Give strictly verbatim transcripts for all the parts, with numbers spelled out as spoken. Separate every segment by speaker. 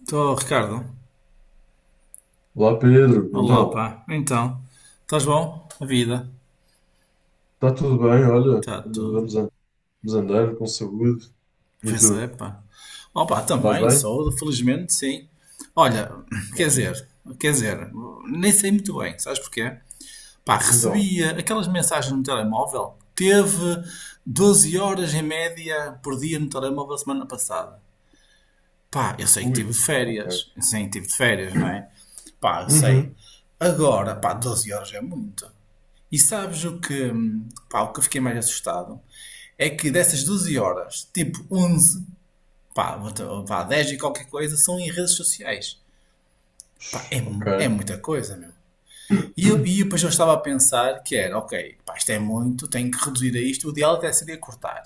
Speaker 1: Estou, Ricardo.
Speaker 2: Olá Pedro,
Speaker 1: Olá,
Speaker 2: então,
Speaker 1: pá. Então, estás bom? A vida?
Speaker 2: está tudo bem? Olha,
Speaker 1: Está
Speaker 2: ande-
Speaker 1: tudo.
Speaker 2: vamos, an- vamos andando com saúde. E
Speaker 1: Pois é,
Speaker 2: tu?
Speaker 1: pá. Ó,
Speaker 2: Estás
Speaker 1: também,
Speaker 2: bem?
Speaker 1: saúde, felizmente, sim. Olha, quer
Speaker 2: Ótimo.
Speaker 1: dizer, quer dizer, nem sei muito bem, sabes porquê? Pá,
Speaker 2: Então,
Speaker 1: recebi eh, aquelas mensagens no telemóvel. Teve doze horas em média por dia no telemóvel semana passada. Pá, eu sei que tive
Speaker 2: ui,
Speaker 1: de
Speaker 2: ok.
Speaker 1: férias. Sim, tive de férias, não é? Pá, eu sei.
Speaker 2: Uhum.
Speaker 1: Agora, pá, doze horas é muito. E sabes o que, hum, pá, o que eu fiquei mais assustado? É que dessas doze horas, tipo onze pá, vou- pá dez e qualquer coisa, são em redes sociais. Pá, é,
Speaker 2: Shhh,
Speaker 1: mu- é
Speaker 2: ok.
Speaker 1: muita coisa, meu. E, eu, e depois eu estava a pensar que era, ok, pá, isto é muito, tenho que reduzir a isto, o ideal até seria cortar.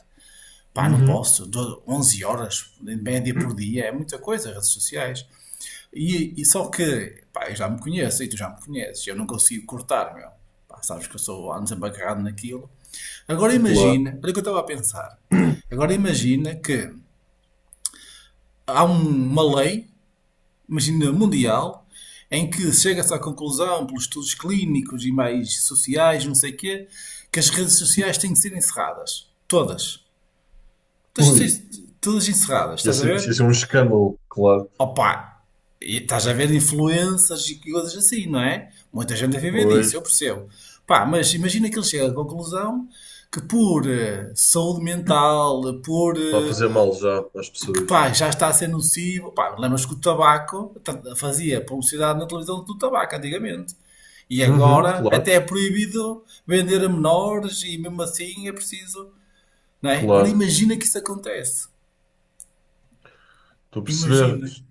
Speaker 1: Pá, não
Speaker 2: Uhum.
Speaker 1: posso, do- onze horas, em média por dia, é muita coisa, redes sociais. E, e só que, pá, eu já me conheço e tu já me conheces, eu não consigo cortar, meu. Pá, sabes que eu sou ando sempre agarrado naquilo. Agora
Speaker 2: Claro.
Speaker 1: imagina, olha o que eu estava a pensar. Agora imagina que há um- uma lei, imagina mundial, em que chega-se à conclusão, pelos estudos clínicos e mais sociais, não sei o quê, que as redes sociais têm que ser encerradas. Todas.
Speaker 2: Ui,
Speaker 1: Todas, todas encerradas,
Speaker 2: isso ia
Speaker 1: estás a
Speaker 2: ser
Speaker 1: ver?
Speaker 2: isso ia ser um escândalo, claro.
Speaker 1: Opa, e estás a ver influências e coisas assim, não é? Muita gente a viver disso,
Speaker 2: Pois,
Speaker 1: eu percebo. Pá, mas imagina que ele chega à conclusão que por eh, saúde mental, por
Speaker 2: está a
Speaker 1: eh,
Speaker 2: fazer mal já às
Speaker 1: porque
Speaker 2: pessoas.
Speaker 1: pá, já está a ser nocivo, pá, lembras que o tabaco ta- fazia publicidade na televisão do tabaco antigamente. E
Speaker 2: Uhum,
Speaker 1: agora até
Speaker 2: claro,
Speaker 1: é proibido vender a menores e mesmo assim é preciso, não é? Agora
Speaker 2: claro.
Speaker 1: imagina que isso acontece.
Speaker 2: Estou a perceber.
Speaker 1: Imagina.
Speaker 2: Isto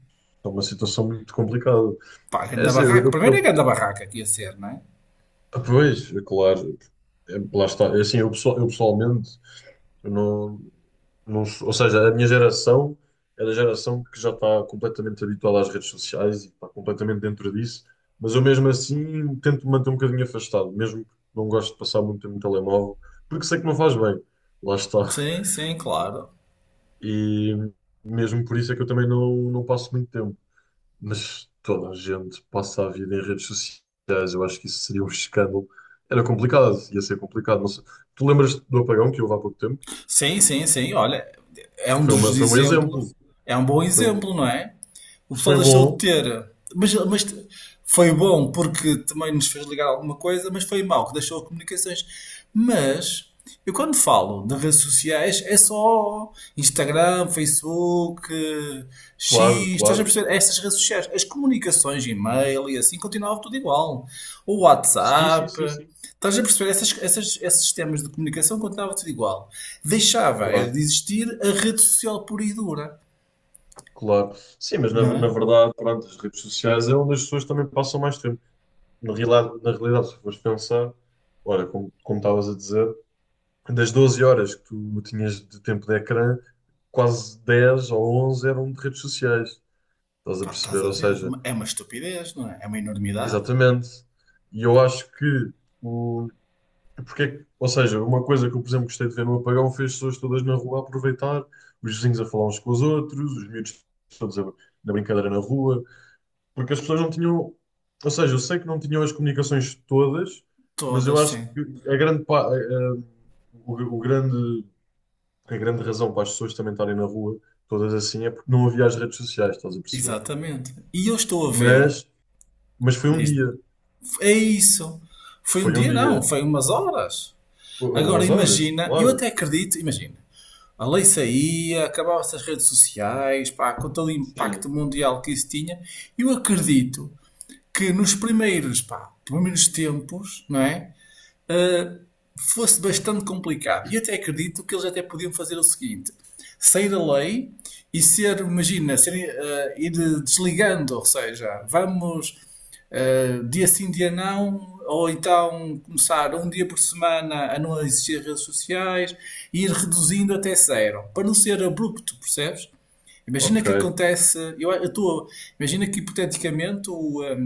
Speaker 2: é uma situação muito complicada.
Speaker 1: Pá,
Speaker 2: É
Speaker 1: ganda
Speaker 2: assim, eu,
Speaker 1: barraca.
Speaker 2: eu,
Speaker 1: Primeiro é
Speaker 2: eu-
Speaker 1: ganda barraca que ia ser, não é?
Speaker 2: pois, é claro. É, lá está. É assim, eu, pessoal- eu pessoalmente eu não. Não sou- ou seja, a minha geração é da geração que já está completamente habituada às redes sociais e está completamente dentro disso, mas eu mesmo assim tento me manter um bocadinho afastado, mesmo que não gosto de passar muito tempo no telemóvel, porque sei que não faz bem, lá está.
Speaker 1: Sim, sim, claro.
Speaker 2: E mesmo por isso é que eu também não, não passo muito tempo. Mas toda a gente passa a vida em redes sociais, eu acho que isso seria um escândalo. Era complicado, ia ser complicado. Não sei. Tu lembras do apagão que houve há pouco tempo?
Speaker 1: Sim, sim, sim. Olha, é um
Speaker 2: Foi uma,
Speaker 1: dos
Speaker 2: foi um exemplo.
Speaker 1: exemplos, é um bom
Speaker 2: Foi, um-
Speaker 1: exemplo, não é? O pessoal
Speaker 2: foi
Speaker 1: deixou de
Speaker 2: bom.
Speaker 1: ter. Mas, mas t- foi bom porque também nos fez ligar alguma coisa, mas foi mau que deixou as comunicações. Mas eu quando falo de redes sociais é só Instagram, Facebook, eh, X,
Speaker 2: Claro,
Speaker 1: estás a
Speaker 2: claro.
Speaker 1: perceber? Estas redes sociais, as comunicações, e-mail e assim continuava tudo igual. O
Speaker 2: Sim, sim,
Speaker 1: WhatsApp,
Speaker 2: sim, sim.
Speaker 1: estás a perceber? Essas, essas, esses sistemas de comunicação continuava tudo igual. Deixava, era de
Speaker 2: Claro,
Speaker 1: existir a rede social pura e dura,
Speaker 2: claro. Sim, mas na,
Speaker 1: não
Speaker 2: na
Speaker 1: é?
Speaker 2: verdade, pronto, as redes sociais é onde as pessoas também passam mais tempo. Na realidade, na realidade, se fores pensar, olha, como, como estavas a dizer, das doze horas que tu tinhas de tempo de ecrã, quase dez ou onze eram de redes sociais. Estás a
Speaker 1: Pá, estás
Speaker 2: perceber?
Speaker 1: a
Speaker 2: Ou
Speaker 1: ver?
Speaker 2: seja,
Speaker 1: É uma estupidez, não é? É uma enormidade.
Speaker 2: exatamente. E eu acho que porque, ou seja, uma coisa que eu, por exemplo, gostei de ver no apagão foi as pessoas todas na rua a aproveitar, os vizinhos a falar uns com os outros, os miúdos todos a, na brincadeira na rua, porque as pessoas não tinham, ou seja, eu sei que não tinham as comunicações todas, mas eu
Speaker 1: Todas,
Speaker 2: acho que
Speaker 1: sim.
Speaker 2: a grande, pa- a- a- o, o grande, a grande razão para as pessoas também estarem na rua, todas assim, é porque não havia as redes sociais, estás a perceber?
Speaker 1: Exatamente. E eu estou a ver.
Speaker 2: Mas, mas foi um
Speaker 1: Diz,
Speaker 2: dia,
Speaker 1: é isso. Foi um
Speaker 2: foi um
Speaker 1: dia, não.
Speaker 2: dia,
Speaker 1: Foi umas horas. Agora
Speaker 2: algumas horas,
Speaker 1: imagina, eu
Speaker 2: claro.
Speaker 1: até acredito, imagina. A lei saía, acabava-se as redes sociais, pá, com todo o impacto
Speaker 2: Sim.
Speaker 1: mundial que isso tinha. Eu acredito que nos primeiros, pá, primeiros tempos, não é, fosse bastante complicado. E até acredito que eles até podiam fazer o seguinte: sair a lei e ser, imagina, ser, eh, ir desligando, ou seja, vamos eh, dia sim, dia não, ou então começar um dia por semana a não existir redes sociais e ir reduzindo até zero, para não ser abrupto, percebes? Imagina
Speaker 2: Ok.
Speaker 1: que acontece, eu estou, imagina que hipoteticamente o, eh,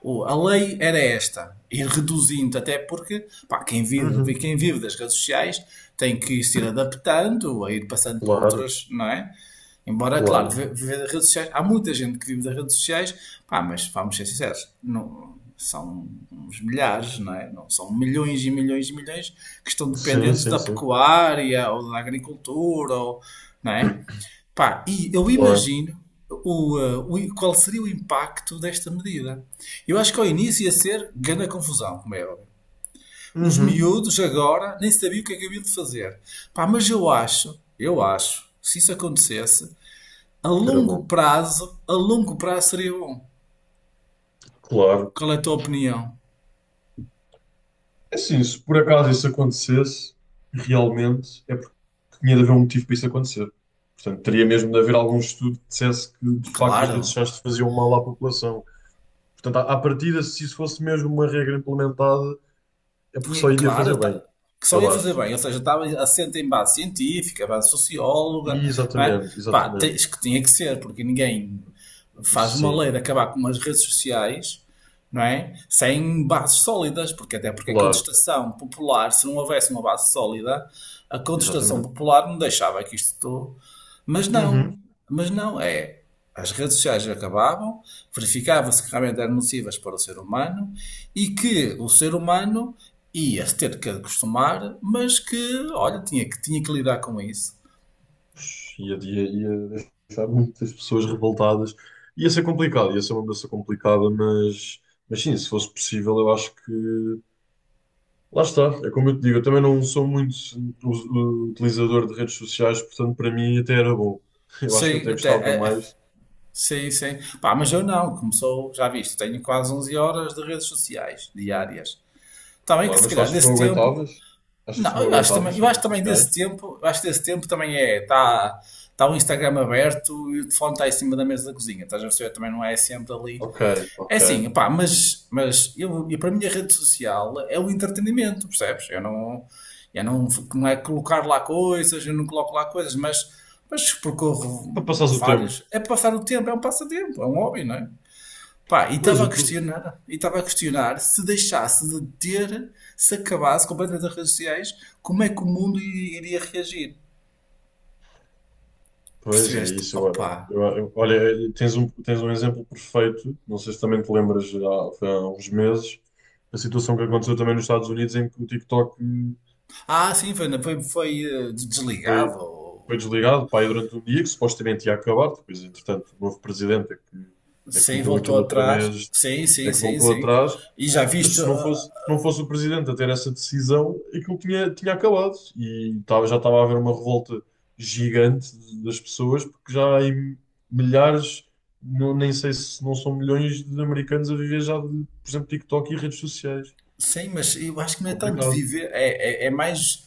Speaker 1: o- a lei era esta, ir reduzindo, até porque pá, quem, vive,
Speaker 2: Uhum.
Speaker 1: quem vive das redes sociais tem que se ir adaptando, a ir passando para
Speaker 2: Claro.
Speaker 1: outras, não é? Embora, claro,
Speaker 2: Claro.
Speaker 1: vi- viver das redes sociais, há muita gente que vive das redes sociais, pá, mas vamos ser sinceros, não, são uns milhares, não é? Não são milhões e milhões e milhões que estão
Speaker 2: Sim,
Speaker 1: dependentes
Speaker 2: sim,
Speaker 1: da
Speaker 2: sim.
Speaker 1: pecuária ou da agricultura, ou, não é? Pá, e eu
Speaker 2: Claro.
Speaker 1: imagino o, eh, o- qual seria o impacto desta medida. Eu acho que ao início ia ser grande confusão, como é óbvio. Os
Speaker 2: Uhum.
Speaker 1: miúdos agora nem sabiam o que é que haviam de fazer. Pá, mas eu acho, eu acho, se isso acontecesse, a
Speaker 2: Que era
Speaker 1: longo
Speaker 2: bom.
Speaker 1: prazo, a longo prazo seria bom.
Speaker 2: Claro.
Speaker 1: Qual é a tua opinião?
Speaker 2: É assim, se por acaso isso acontecesse, realmente é porque tinha de haver um motivo para isso acontecer. Portanto, teria mesmo de haver algum estudo que dissesse que, de facto, as redes
Speaker 1: Claro,
Speaker 2: sociais faziam mal à população. Portanto, à à partida, se isso fosse mesmo uma regra implementada, é porque só
Speaker 1: tinha-
Speaker 2: iria fazer
Speaker 1: claro, tá-
Speaker 2: bem,
Speaker 1: que só
Speaker 2: eu
Speaker 1: ia fazer
Speaker 2: acho.
Speaker 1: bem, ou seja, estava assente em base científica, base socióloga,
Speaker 2: E
Speaker 1: não é?
Speaker 2: exatamente,
Speaker 1: Pá,
Speaker 2: exatamente.
Speaker 1: tens que tinha que ser, porque ninguém faz uma lei
Speaker 2: Sim,
Speaker 1: de acabar com as redes sociais, não é? Sem bases sólidas, porque até porque a
Speaker 2: claro,
Speaker 1: contestação popular, se não houvesse uma base sólida, a contestação
Speaker 2: exatamente.
Speaker 1: popular não deixava que isto. Mas
Speaker 2: Uhum.
Speaker 1: não, mas não, é. As redes sociais acabavam, verificava-se que realmente eram nocivas para o ser humano e que o ser humano ia-se ter que acostumar, mas que, olha, tinha que, tinha que lidar com isso.
Speaker 2: Ia, ia, ia deixar muitas pessoas revoltadas. Ia ser complicado, ia ser uma mudança complicada, mas, mas sim, se fosse possível, eu acho que. Lá está, é como eu te digo, eu também não sou muito us- utilizador de redes sociais, portanto, para mim até era bom. Eu acho que
Speaker 1: Sim,
Speaker 2: até
Speaker 1: até.
Speaker 2: gostava
Speaker 1: É, é,
Speaker 2: mais,
Speaker 1: sim, sim. Pá, mas eu não, começou, já viste, tenho quase onze horas de redes sociais diárias. Está bem que
Speaker 2: claro,
Speaker 1: se
Speaker 2: mas tu
Speaker 1: calhar
Speaker 2: achas que não
Speaker 1: desse tempo.
Speaker 2: aguentavas? Achas
Speaker 1: Não,
Speaker 2: que não
Speaker 1: eu acho
Speaker 2: aguentavas
Speaker 1: também, eu
Speaker 2: sem
Speaker 1: acho
Speaker 2: redes
Speaker 1: também desse
Speaker 2: sociais?
Speaker 1: tempo, eu acho que desse tempo também é. Está tá o Instagram aberto e o telefone está em cima da mesa da cozinha. Estás a perceber? Também não é sempre ali.
Speaker 2: Ok,
Speaker 1: É
Speaker 2: ok.
Speaker 1: assim, pá, mas, mas eu, eu, para mim a rede social é o entretenimento, percebes? Eu não, eu não, não é colocar lá coisas, eu não coloco lá coisas, mas, mas percorro
Speaker 2: Para passares o tempo.
Speaker 1: várias. É passar o tempo, é um passatempo, é um hobby, não é? Pá, e
Speaker 2: Pois,
Speaker 1: estava a
Speaker 2: eu
Speaker 1: questionar, e estava a questionar se deixasse de ter, se acabasse completamente as redes sociais, como é que o mundo i- iria reagir?
Speaker 2: pois é
Speaker 1: Percebeste?
Speaker 2: isso. Eu,
Speaker 1: Opa!
Speaker 2: eu- eu olha, tens um, tens um exemplo perfeito. Não sei se também te lembras, há, foi há uns meses, a situação que aconteceu também nos Estados Unidos em que o TikTok
Speaker 1: Ah, sim, foi, foi, foi eh,
Speaker 2: foi,
Speaker 1: desligado.
Speaker 2: foi desligado, pá, aí durante um dia que supostamente ia acabar. Depois, entretanto, o novo presidente é que, é que
Speaker 1: Sim,
Speaker 2: meteu
Speaker 1: voltou
Speaker 2: aquilo outra
Speaker 1: atrás.
Speaker 2: vez
Speaker 1: Sim,
Speaker 2: é
Speaker 1: sim,
Speaker 2: que
Speaker 1: sim,
Speaker 2: voltou
Speaker 1: sim.
Speaker 2: atrás.
Speaker 1: E já
Speaker 2: Mas
Speaker 1: viste,
Speaker 2: se não
Speaker 1: ah,
Speaker 2: fosse, se não fosse o presidente a ter essa decisão, aquilo tinha, tinha acabado. E estava- já estava a haver uma revolta gigante de- das pessoas, porque já há em milhares, não- nem sei se não são milhões de americanos a viver já de, por exemplo, TikTok e redes sociais.
Speaker 1: sim, mas eu acho que
Speaker 2: É
Speaker 1: não é tanto de
Speaker 2: complicado.
Speaker 1: viver, é, é, é mais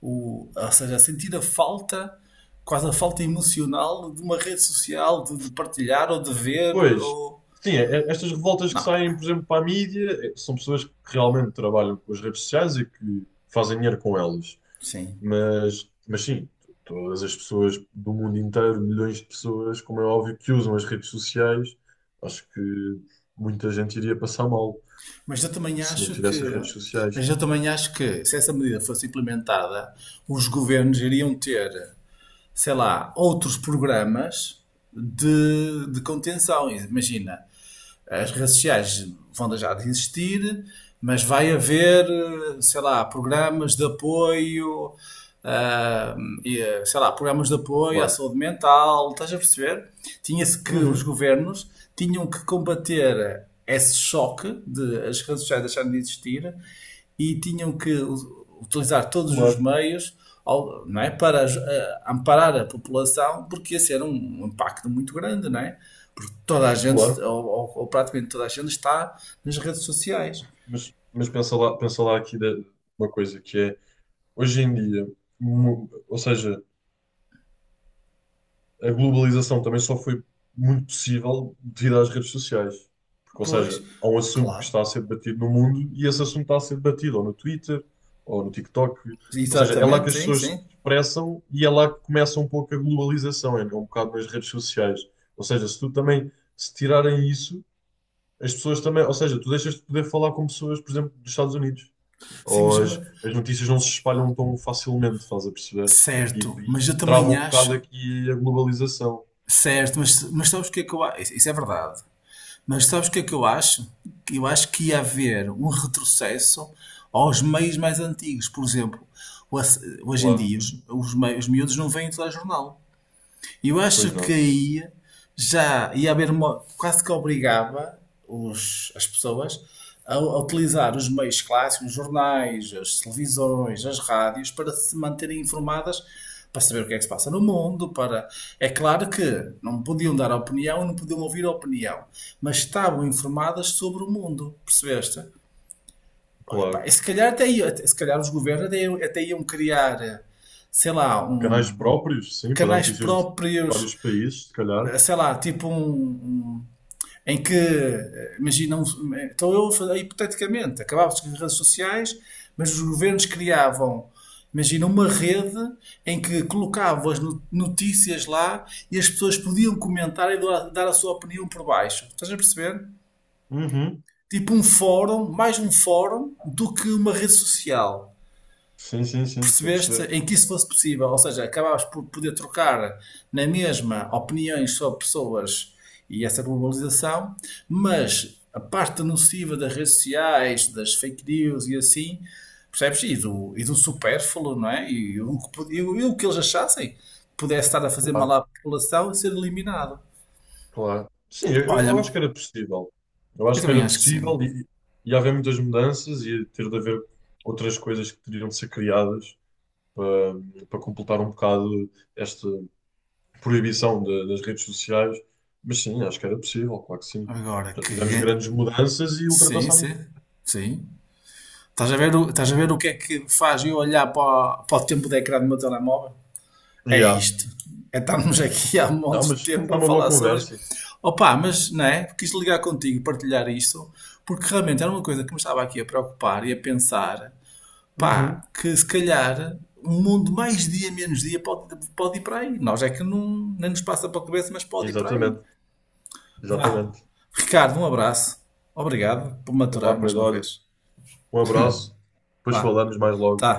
Speaker 1: o, ou seja, sentir a falta, quase a falta emocional de uma rede social, de, de partilhar ou de ver,
Speaker 2: Pois,
Speaker 1: ou.
Speaker 2: sim, é- é- estas revoltas que
Speaker 1: Não,
Speaker 2: saem, por exemplo, para a mídia, é- são pessoas que realmente trabalham com as redes sociais e que fazem dinheiro com elas.
Speaker 1: sim.
Speaker 2: Mas, mas sim, todas as pessoas do mundo inteiro, milhões de pessoas, como é óbvio, que usam as redes sociais, acho que muita gente iria passar mal
Speaker 1: Mas eu também
Speaker 2: se não
Speaker 1: acho
Speaker 2: tivesse
Speaker 1: que,
Speaker 2: as redes sociais.
Speaker 1: mas eu também acho que se essa medida fosse implementada, os governos iriam ter, sei lá, outros programas de, de contenção. Imagina, as redes sociais vão deixar de existir, mas vai haver, sei lá, programas de apoio, ah, e, sei lá, programas de apoio à
Speaker 2: Claro.
Speaker 1: saúde mental, estás a perceber? Tinha-se que os
Speaker 2: Uhum,
Speaker 1: governos tinham que combater esse choque de as redes sociais deixarem de existir e tinham que u- utilizar todos os
Speaker 2: claro,
Speaker 1: meios ao- não é, para aj- eh, amparar a população, porque esse era um um impacto muito grande, não é? Porque toda a gente,
Speaker 2: claro.
Speaker 1: ou, ou- ou praticamente toda a gente, está nas redes sociais.
Speaker 2: Mas, mas pensa lá, pensa lá aqui de uma coisa que é, hoje em dia, mu- ou seja, a globalização também só foi muito possível devido às redes sociais. Porque, ou
Speaker 1: Pois,
Speaker 2: seja, há um assunto que
Speaker 1: claro.
Speaker 2: está a ser debatido no mundo e esse assunto está a ser debatido ou no Twitter ou no TikTok. Ou seja, é lá que
Speaker 1: Exatamente,
Speaker 2: as
Speaker 1: sim,
Speaker 2: pessoas se
Speaker 1: sim.
Speaker 2: expressam e é lá que começa um pouco a globalização, é um bocado nas redes sociais. Ou seja, se tu também, se tirarem isso, as pessoas também, ou seja, tu deixas de poder falar com pessoas, por exemplo, dos Estados Unidos.
Speaker 1: Sim, mas,
Speaker 2: Ou
Speaker 1: ma-
Speaker 2: as, as notícias não se espalham tão facilmente, estás a perceber? E,
Speaker 1: certo,
Speaker 2: e,
Speaker 1: mas eu
Speaker 2: e trava
Speaker 1: também
Speaker 2: um
Speaker 1: acho,
Speaker 2: bocado aqui a globalização.
Speaker 1: certo, mas, mas sabes o que é que eu acho? Isso é verdade. Mas sabes o que é que eu acho? Eu acho que ia haver um retrocesso aos meios mais antigos. Por exemplo, o ass- hoje em
Speaker 2: Claro,
Speaker 1: dia os, os, meios, os miúdos não veem telejornal. Eu acho
Speaker 2: pois
Speaker 1: que
Speaker 2: não,
Speaker 1: aí já ia haver uma, quase que obrigava os, as pessoas a, a utilizar os meios clássicos, os jornais, as televisões, as rádios, para se manterem informadas, para saber o que é que se passa no mundo, para. É claro que não podiam dar opinião, não podiam ouvir a opinião, mas estavam informadas sobre o mundo, percebeste? Olha, bem,
Speaker 2: claro.
Speaker 1: se calhar até, ia- até- se calhar os governos até, iam- até iam criar, eh, sei lá, um,
Speaker 2: Canais
Speaker 1: um-
Speaker 2: próprios, sim, para dar
Speaker 1: canais
Speaker 2: notícias de
Speaker 1: próprios,
Speaker 2: vários países, se calhar.
Speaker 1: eh, sei lá, tipo um, um- em que, eh, imagina, um- eh, então eu, fa- hipoteticamente, acabavam-se as redes sociais, mas os governos criavam, imagina, uma rede em que colocavam as no- notícias lá e as pessoas podiam comentar e doar- dar a sua opinião por baixo. Estás a perceber?
Speaker 2: Uhum.
Speaker 1: Tipo um fórum, mais um fórum do que uma rede social,
Speaker 2: Sim, sim, sim, estou a
Speaker 1: percebeste,
Speaker 2: perceber.
Speaker 1: em que isso fosse possível, ou seja, acabavas por poder trocar na mesma opiniões sobre pessoas e essa globalização, mas a parte nociva das redes sociais, das fake news e assim, percebes? E do, e do supérfluo, não é? E o, que pod- e o e o que eles achassem pudesse estar a fazer mal
Speaker 2: Claro,
Speaker 1: à população e ser eliminado.
Speaker 2: claro. Sim, eu,
Speaker 1: Olha,
Speaker 2: eu acho que era possível. Eu
Speaker 1: eu
Speaker 2: acho que
Speaker 1: também
Speaker 2: era
Speaker 1: acho que sim.
Speaker 2: possível e ia haver muitas mudanças, ia ter de haver outras coisas que teriam de ser criadas para, para completar um bocado esta proibição da- das redes sociais. Mas sim, acho que era possível, claro que sim.
Speaker 1: Agora
Speaker 2: Já tivemos
Speaker 1: que.
Speaker 2: grandes mudanças e
Speaker 1: Sim,
Speaker 2: ultrapassámos.
Speaker 1: sim. Sim. Estás a ver o, estás a ver o que é que faz eu olhar para, o- para o tempo de ecrã do meu telemóvel? É
Speaker 2: Yeah.
Speaker 1: isto. É estarmos aqui há
Speaker 2: Não,
Speaker 1: montes de
Speaker 2: mas
Speaker 1: tempo
Speaker 2: foi
Speaker 1: a
Speaker 2: uma boa
Speaker 1: falar sobre isto.
Speaker 2: conversa.
Speaker 1: Opa, mas não é? Quis ligar contigo, partilhar isto, porque realmente era uma coisa que me estava aqui a preocupar e a pensar, pá,
Speaker 2: Uhum.
Speaker 1: que se calhar um mundo mais dia, menos dia pode, pode ir para aí. Nós é que não, nem nos passa para a cabeça, mas pode ir para aí.
Speaker 2: Exatamente,
Speaker 1: Vá.
Speaker 2: exatamente.
Speaker 1: Ricardo, um abraço. Obrigado por
Speaker 2: Vamos lá,
Speaker 1: maturar mais
Speaker 2: Pedro.
Speaker 1: uma
Speaker 2: Olha,
Speaker 1: vez.
Speaker 2: um abraço. Depois
Speaker 1: Vá.
Speaker 2: falamos mais logo.
Speaker 1: Tá.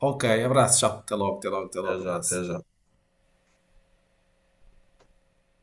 Speaker 1: Ok. Abraço. Tchau. Até logo. Até logo. Até
Speaker 2: Até
Speaker 1: logo.
Speaker 2: já,
Speaker 1: Abraço.
Speaker 2: até já.